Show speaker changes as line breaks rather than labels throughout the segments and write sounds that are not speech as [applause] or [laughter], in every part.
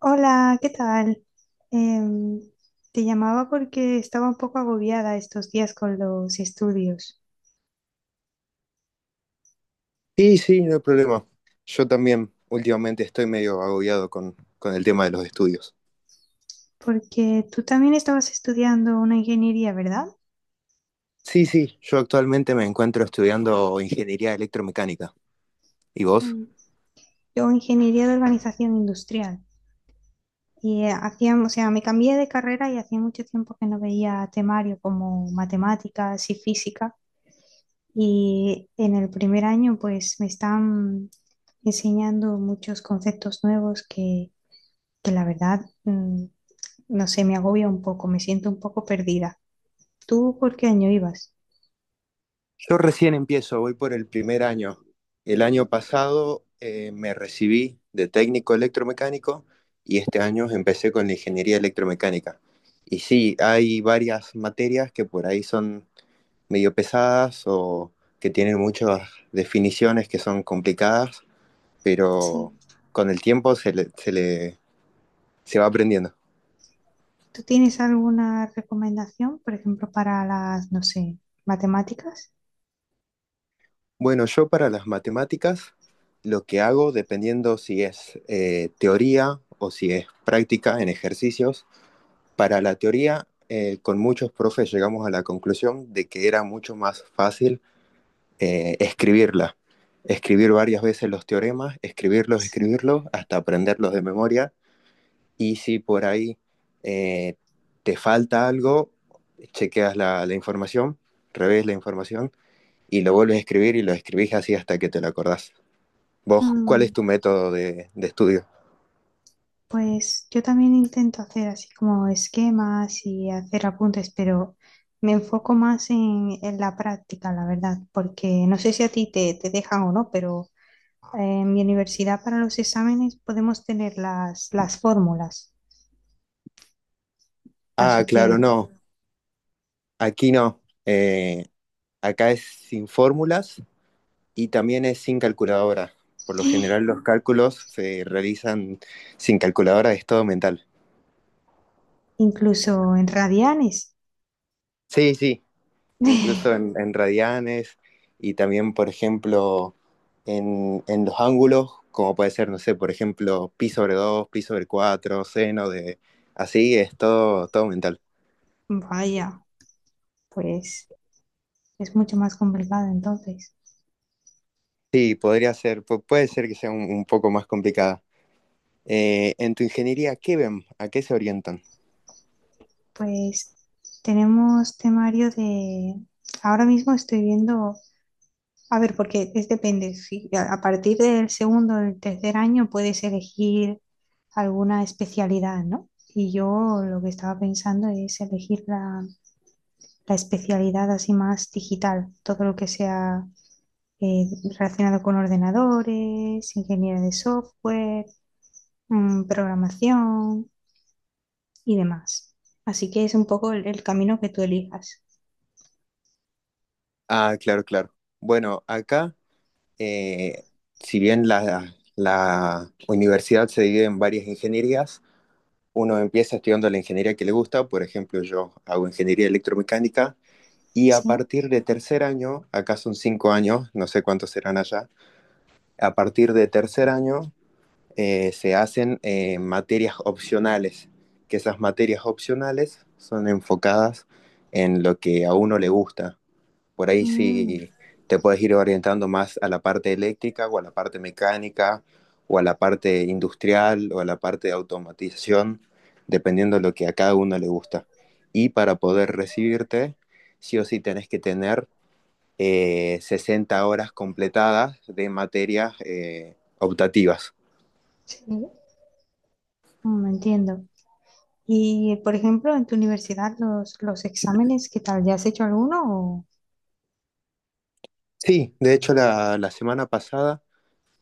Hola, ¿qué tal? Em, Te llamaba porque estaba un poco agobiada estos días con los estudios,
Sí, sí, no hay problema. Yo también últimamente estoy medio agobiado con el tema de los estudios.
porque tú también estabas estudiando una ingeniería, ¿verdad?
Sí, sí, yo actualmente me encuentro estudiando ingeniería electromecánica. ¿Y vos?
Mm. Yo ingeniería de organización industrial y hacía, o sea, me cambié de carrera y hacía mucho tiempo que no veía temario como matemáticas y física, y en el primer año pues me están enseñando muchos conceptos nuevos que la verdad, no sé, me agobia un poco, me siento un poco perdida. ¿Tú por qué año ibas?
Yo recién empiezo, voy por el primer año. El año pasado me recibí de técnico electromecánico y este año empecé con la ingeniería electromecánica. Y sí, hay varias materias que por ahí son medio pesadas o que tienen muchas definiciones que son complicadas, pero
Sí.
con el tiempo se va aprendiendo.
¿Tú tienes alguna recomendación, por ejemplo, para las, no sé, matemáticas?
Bueno, yo para las matemáticas lo que hago, dependiendo si es teoría o si es práctica en ejercicios, para la teoría con muchos profes llegamos a la conclusión de que era mucho más fácil escribirla, escribir varias veces los teoremas, escribirlos,
Sí.
escribirlos, hasta aprenderlos de memoria. Y si por ahí eh, te falta algo, chequeas la información, revés la información y lo vuelves a escribir y lo escribís así hasta que te lo acordás. ¿Vos cuál es
Mm,
tu método de estudio?
pues yo también intento hacer así como esquemas y hacer apuntes, pero me enfoco más en la práctica, la verdad, porque no sé si a ti te dejan o no, pero en mi universidad para los exámenes podemos tener las fórmulas.
Ah,
Así
claro,
que
no, aquí no. Eh, acá es sin fórmulas y también es sin calculadora. Por lo general los cálculos se realizan sin calculadora, es todo mental.
incluso en radianes.
Sí, sí, incluso en,
[laughs]
en radianes y también, por ejemplo, los ángulos, como puede ser, no sé, por ejemplo, pi sobre 2 pi sobre 4 seno de... Así es todo, todo mental.
Vaya, pues es mucho más complicado entonces.
Sí, podría ser, puede ser que sea un poco más complicada. En tu ingeniería, ¿qué ven? ¿A qué se orientan?
Pues tenemos temario de. Ahora mismo estoy viendo. A ver, porque es depende. Si a partir del segundo o del tercer año puedes elegir alguna especialidad, ¿no? Y yo lo que estaba pensando es elegir la especialidad así más digital, todo lo que sea eh, relacionado con ordenadores, ingeniería de software, programación y demás. Así que es un poco el camino que tú elijas.
Ah, claro, claro. Bueno, acá, eh, si bien la universidad se divide en varias ingenierías, uno empieza estudiando la ingeniería que le gusta. Por ejemplo, yo hago ingeniería electromecánica y a
Sí.
partir de tercer año, acá son 5 años, no sé cuántos serán allá, a partir de tercer año se hacen materias opcionales, que esas materias opcionales son enfocadas en lo que a uno le gusta. Por ahí
Mm.
sí te puedes ir orientando más a la parte eléctrica o a la parte mecánica o a la parte industrial o a la parte de automatización, dependiendo de lo que a cada uno le gusta. Y para poder recibirte, sí o sí tenés que tener 60 horas completadas de materias optativas.
Sí. Entiendo. Y, por ejemplo, en tu universidad, los exámenes, ¿qué tal? ¿Ya has hecho alguno? o-
Sí, de hecho la semana pasada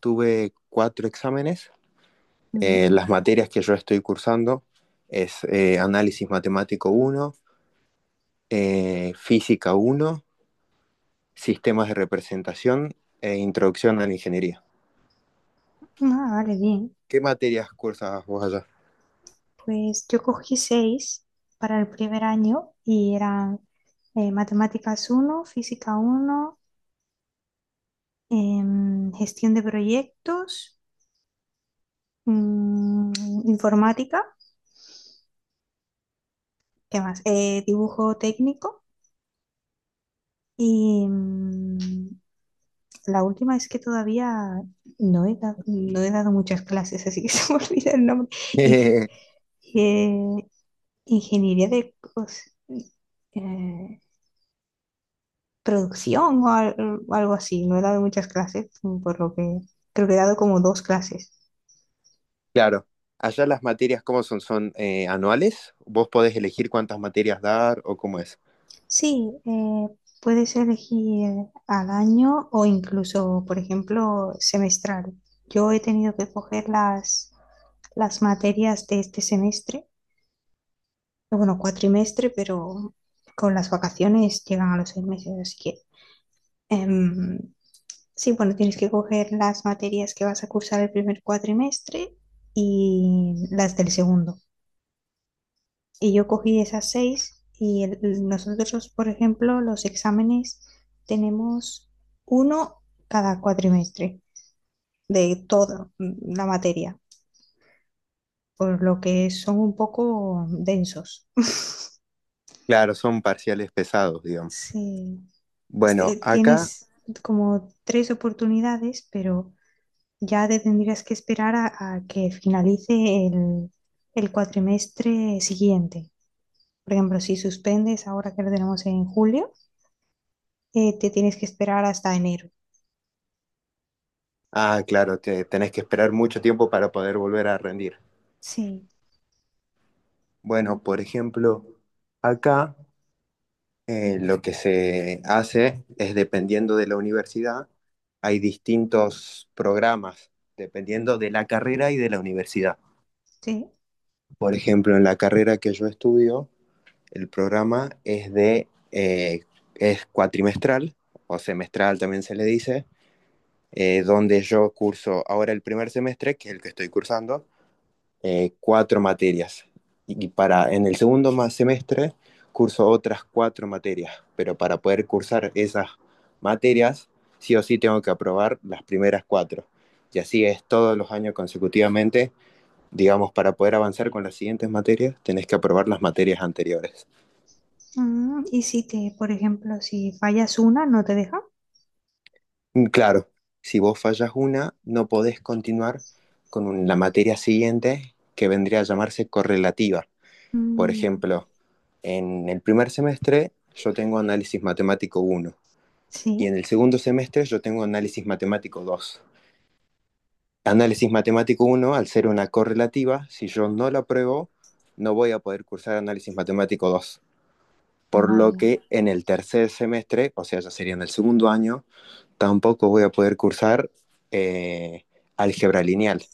tuve cuatro exámenes.
Mm.
Las materias que yo estoy cursando es análisis matemático uno. Física uno, Sistemas de Representación e Introducción a la Ingeniería.
Ah, vale, bien.
¿Qué materias cursas vos allá?
Pues yo cogí seis para el primer año y eran matemáticas uno, física uno, gestión de proyectos, mm, informática, ¿qué más? Dibujo técnico y la última es que todavía no he dado muchas clases, así que [laughs] se me olvida el nombre. Y,
[laughs]
eh, ingeniería de eh, producción o algo así. No he dado muchas clases, por lo que creo que he dado como dos clases.
Claro, allá las materias, ¿cómo son? ¿Son anuales? ¿Vos podés elegir cuántas materias dar o cómo es?
Sí, puedes elegir al año o incluso, por ejemplo, semestral. Yo he tenido que coger las materias de este semestre, bueno, cuatrimestre, pero con las vacaciones llegan a los 6 meses, así que em, sí, bueno, tienes que coger las materias que vas a cursar el primer cuatrimestre y las del segundo. Y yo cogí esas seis y nosotros, por ejemplo, los exámenes tenemos uno cada cuatrimestre de toda la materia, por lo que son un poco densos.
Claro, son parciales pesados, digamos.
Sí, este,
Bueno, acá,
tienes como tres oportunidades, pero ya te tendrías que esperar a que finalice el cuatrimestre siguiente. Por ejemplo, si suspendes ahora que lo tenemos en julio, te tienes que esperar hasta enero.
ah, claro, tenés que esperar mucho tiempo para poder volver a rendir.
Sí,
Bueno, por ejemplo, acá lo que se hace es dependiendo de la universidad, hay distintos programas dependiendo de la carrera y de la universidad.
sí.
Por ejemplo, en la carrera que yo estudio, el programa es cuatrimestral o semestral también se le dice. Donde yo curso ahora el primer semestre, que es el que estoy cursando, cuatro materias. Y para en el segundo semestre curso otras cuatro materias, pero para poder cursar esas materias, sí o sí tengo que aprobar las primeras cuatro. Y así es todos los años consecutivamente, digamos, para poder avanzar con las siguientes materias, tenés que aprobar las materias anteriores.
Y si te, por ejemplo, si fallas una, no te deja.
Claro, si vos fallas una, no podés continuar con la materia siguiente, que vendría a llamarse correlativa. Por
Mm,
ejemplo, en el primer semestre yo tengo análisis matemático uno y
sí,
en el segundo semestre yo tengo análisis matemático 2. Análisis matemático uno, al ser una correlativa, si yo no la apruebo, no voy a poder cursar análisis matemático 2. Por lo
vaya.
que en el tercer semestre, o sea, ya sería en el segundo año, tampoco voy a poder cursar eh, álgebra lineal,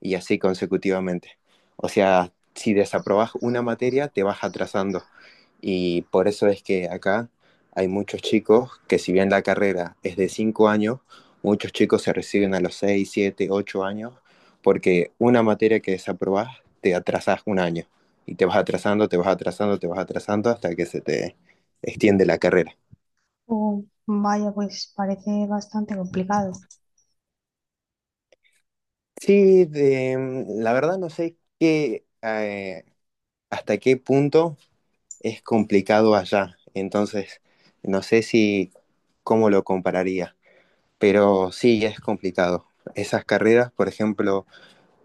y así consecutivamente. O sea, si desaprobas una materia, te vas atrasando. Y por eso es que acá hay muchos chicos que, si bien la carrera es de 5 años, muchos chicos se reciben a los 6, 7, 8 años, porque una materia que desaprobás te atrasás un año. Y te vas atrasando, te vas atrasando, te vas atrasando hasta que se te extiende la carrera.
Oh, vaya, pues parece bastante complicado.
Sí, la verdad no sé qué, hasta qué punto es complicado allá. Entonces, no sé si cómo lo compararía, pero sí es complicado. Esas carreras, por ejemplo,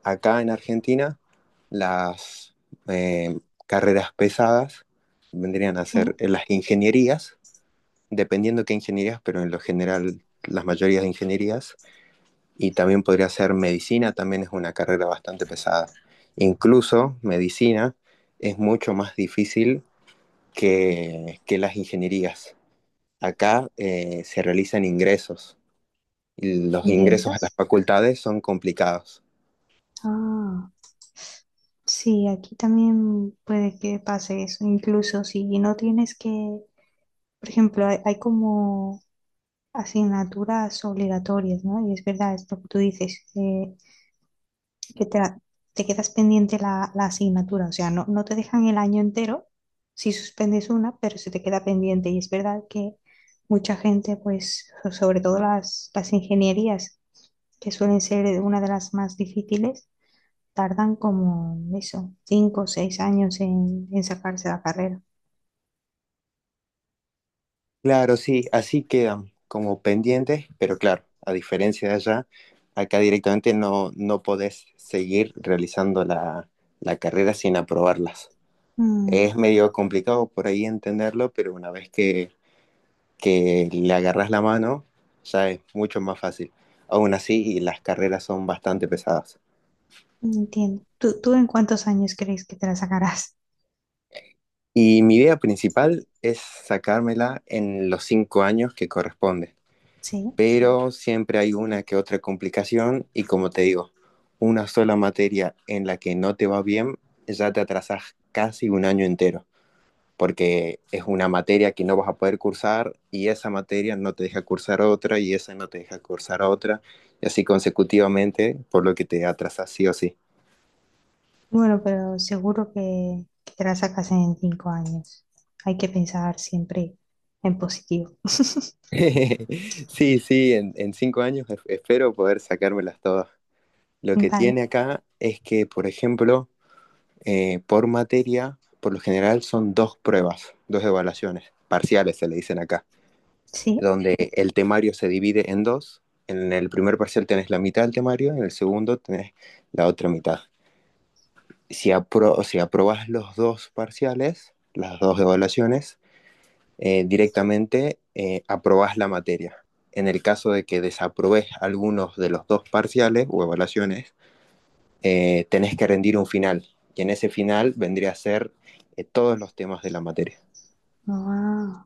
acá en Argentina, las eh, carreras pesadas vendrían a ser
Sí,
las ingenierías, dependiendo qué ingenierías, pero en lo general las mayorías de ingenierías, y también podría ser medicina, también es una carrera bastante pesada. Incluso medicina es mucho más difícil que las ingenierías. Acá se realizan ingresos y los ingresos a las
ingresas.
facultades son complicados.
Ah, sí, aquí también puede que pase eso. Incluso si no tienes que, por ejemplo, hay como asignaturas obligatorias, ¿no? Y es verdad esto que tú dices, que te quedas pendiente la asignatura, o sea, no, no te dejan el año entero si suspendes una, pero se te queda pendiente. Y es verdad que mucha gente, pues, sobre todo las ingenierías, que suelen ser una de las más difíciles, tardan como eso, 5 o 6 años en sacarse la carrera.
Claro, sí, así quedan como pendientes, pero claro, a diferencia de allá, acá directamente no, no podés seguir realizando la carrera sin aprobarlas.
Mm,
Es medio complicado por ahí entenderlo, pero una vez que le agarras la mano, ya es mucho más fácil. Aún así, las carreras son bastante pesadas.
Entiendo. ¿Tú en cuántos años crees que te la sacarás?
Y mi idea principal es sacármela en los 5 años que corresponde.
[laughs] Sí.
Pero siempre hay una que otra complicación y como te digo, una sola materia en la que no te va bien, ya te atrasas casi un año entero, porque es una materia que no vas a poder cursar y esa materia no te deja cursar otra y esa no te deja cursar otra y así consecutivamente, por lo que te atrasas sí o sí.
Bueno, pero seguro que te la sacas en 5 años. Hay que pensar siempre en positivo.
[laughs] Sí, sí, en 5 años espero poder sacármelas todas. Lo que tiene
Vale,
acá es que, por ejemplo, por materia, por lo general son dos pruebas, dos evaluaciones, parciales se le dicen acá,
sí.
donde el temario se divide en dos. En el primer parcial tenés la mitad del temario, en el segundo tenés la otra mitad. Si aprobás los dos parciales, las dos evaluaciones, directamente aprobás la materia. En el caso de que desaprobes algunos de los dos parciales o evaluaciones, tenés que rendir un final. Y en ese final vendría a ser todos los temas de la materia.
Ah.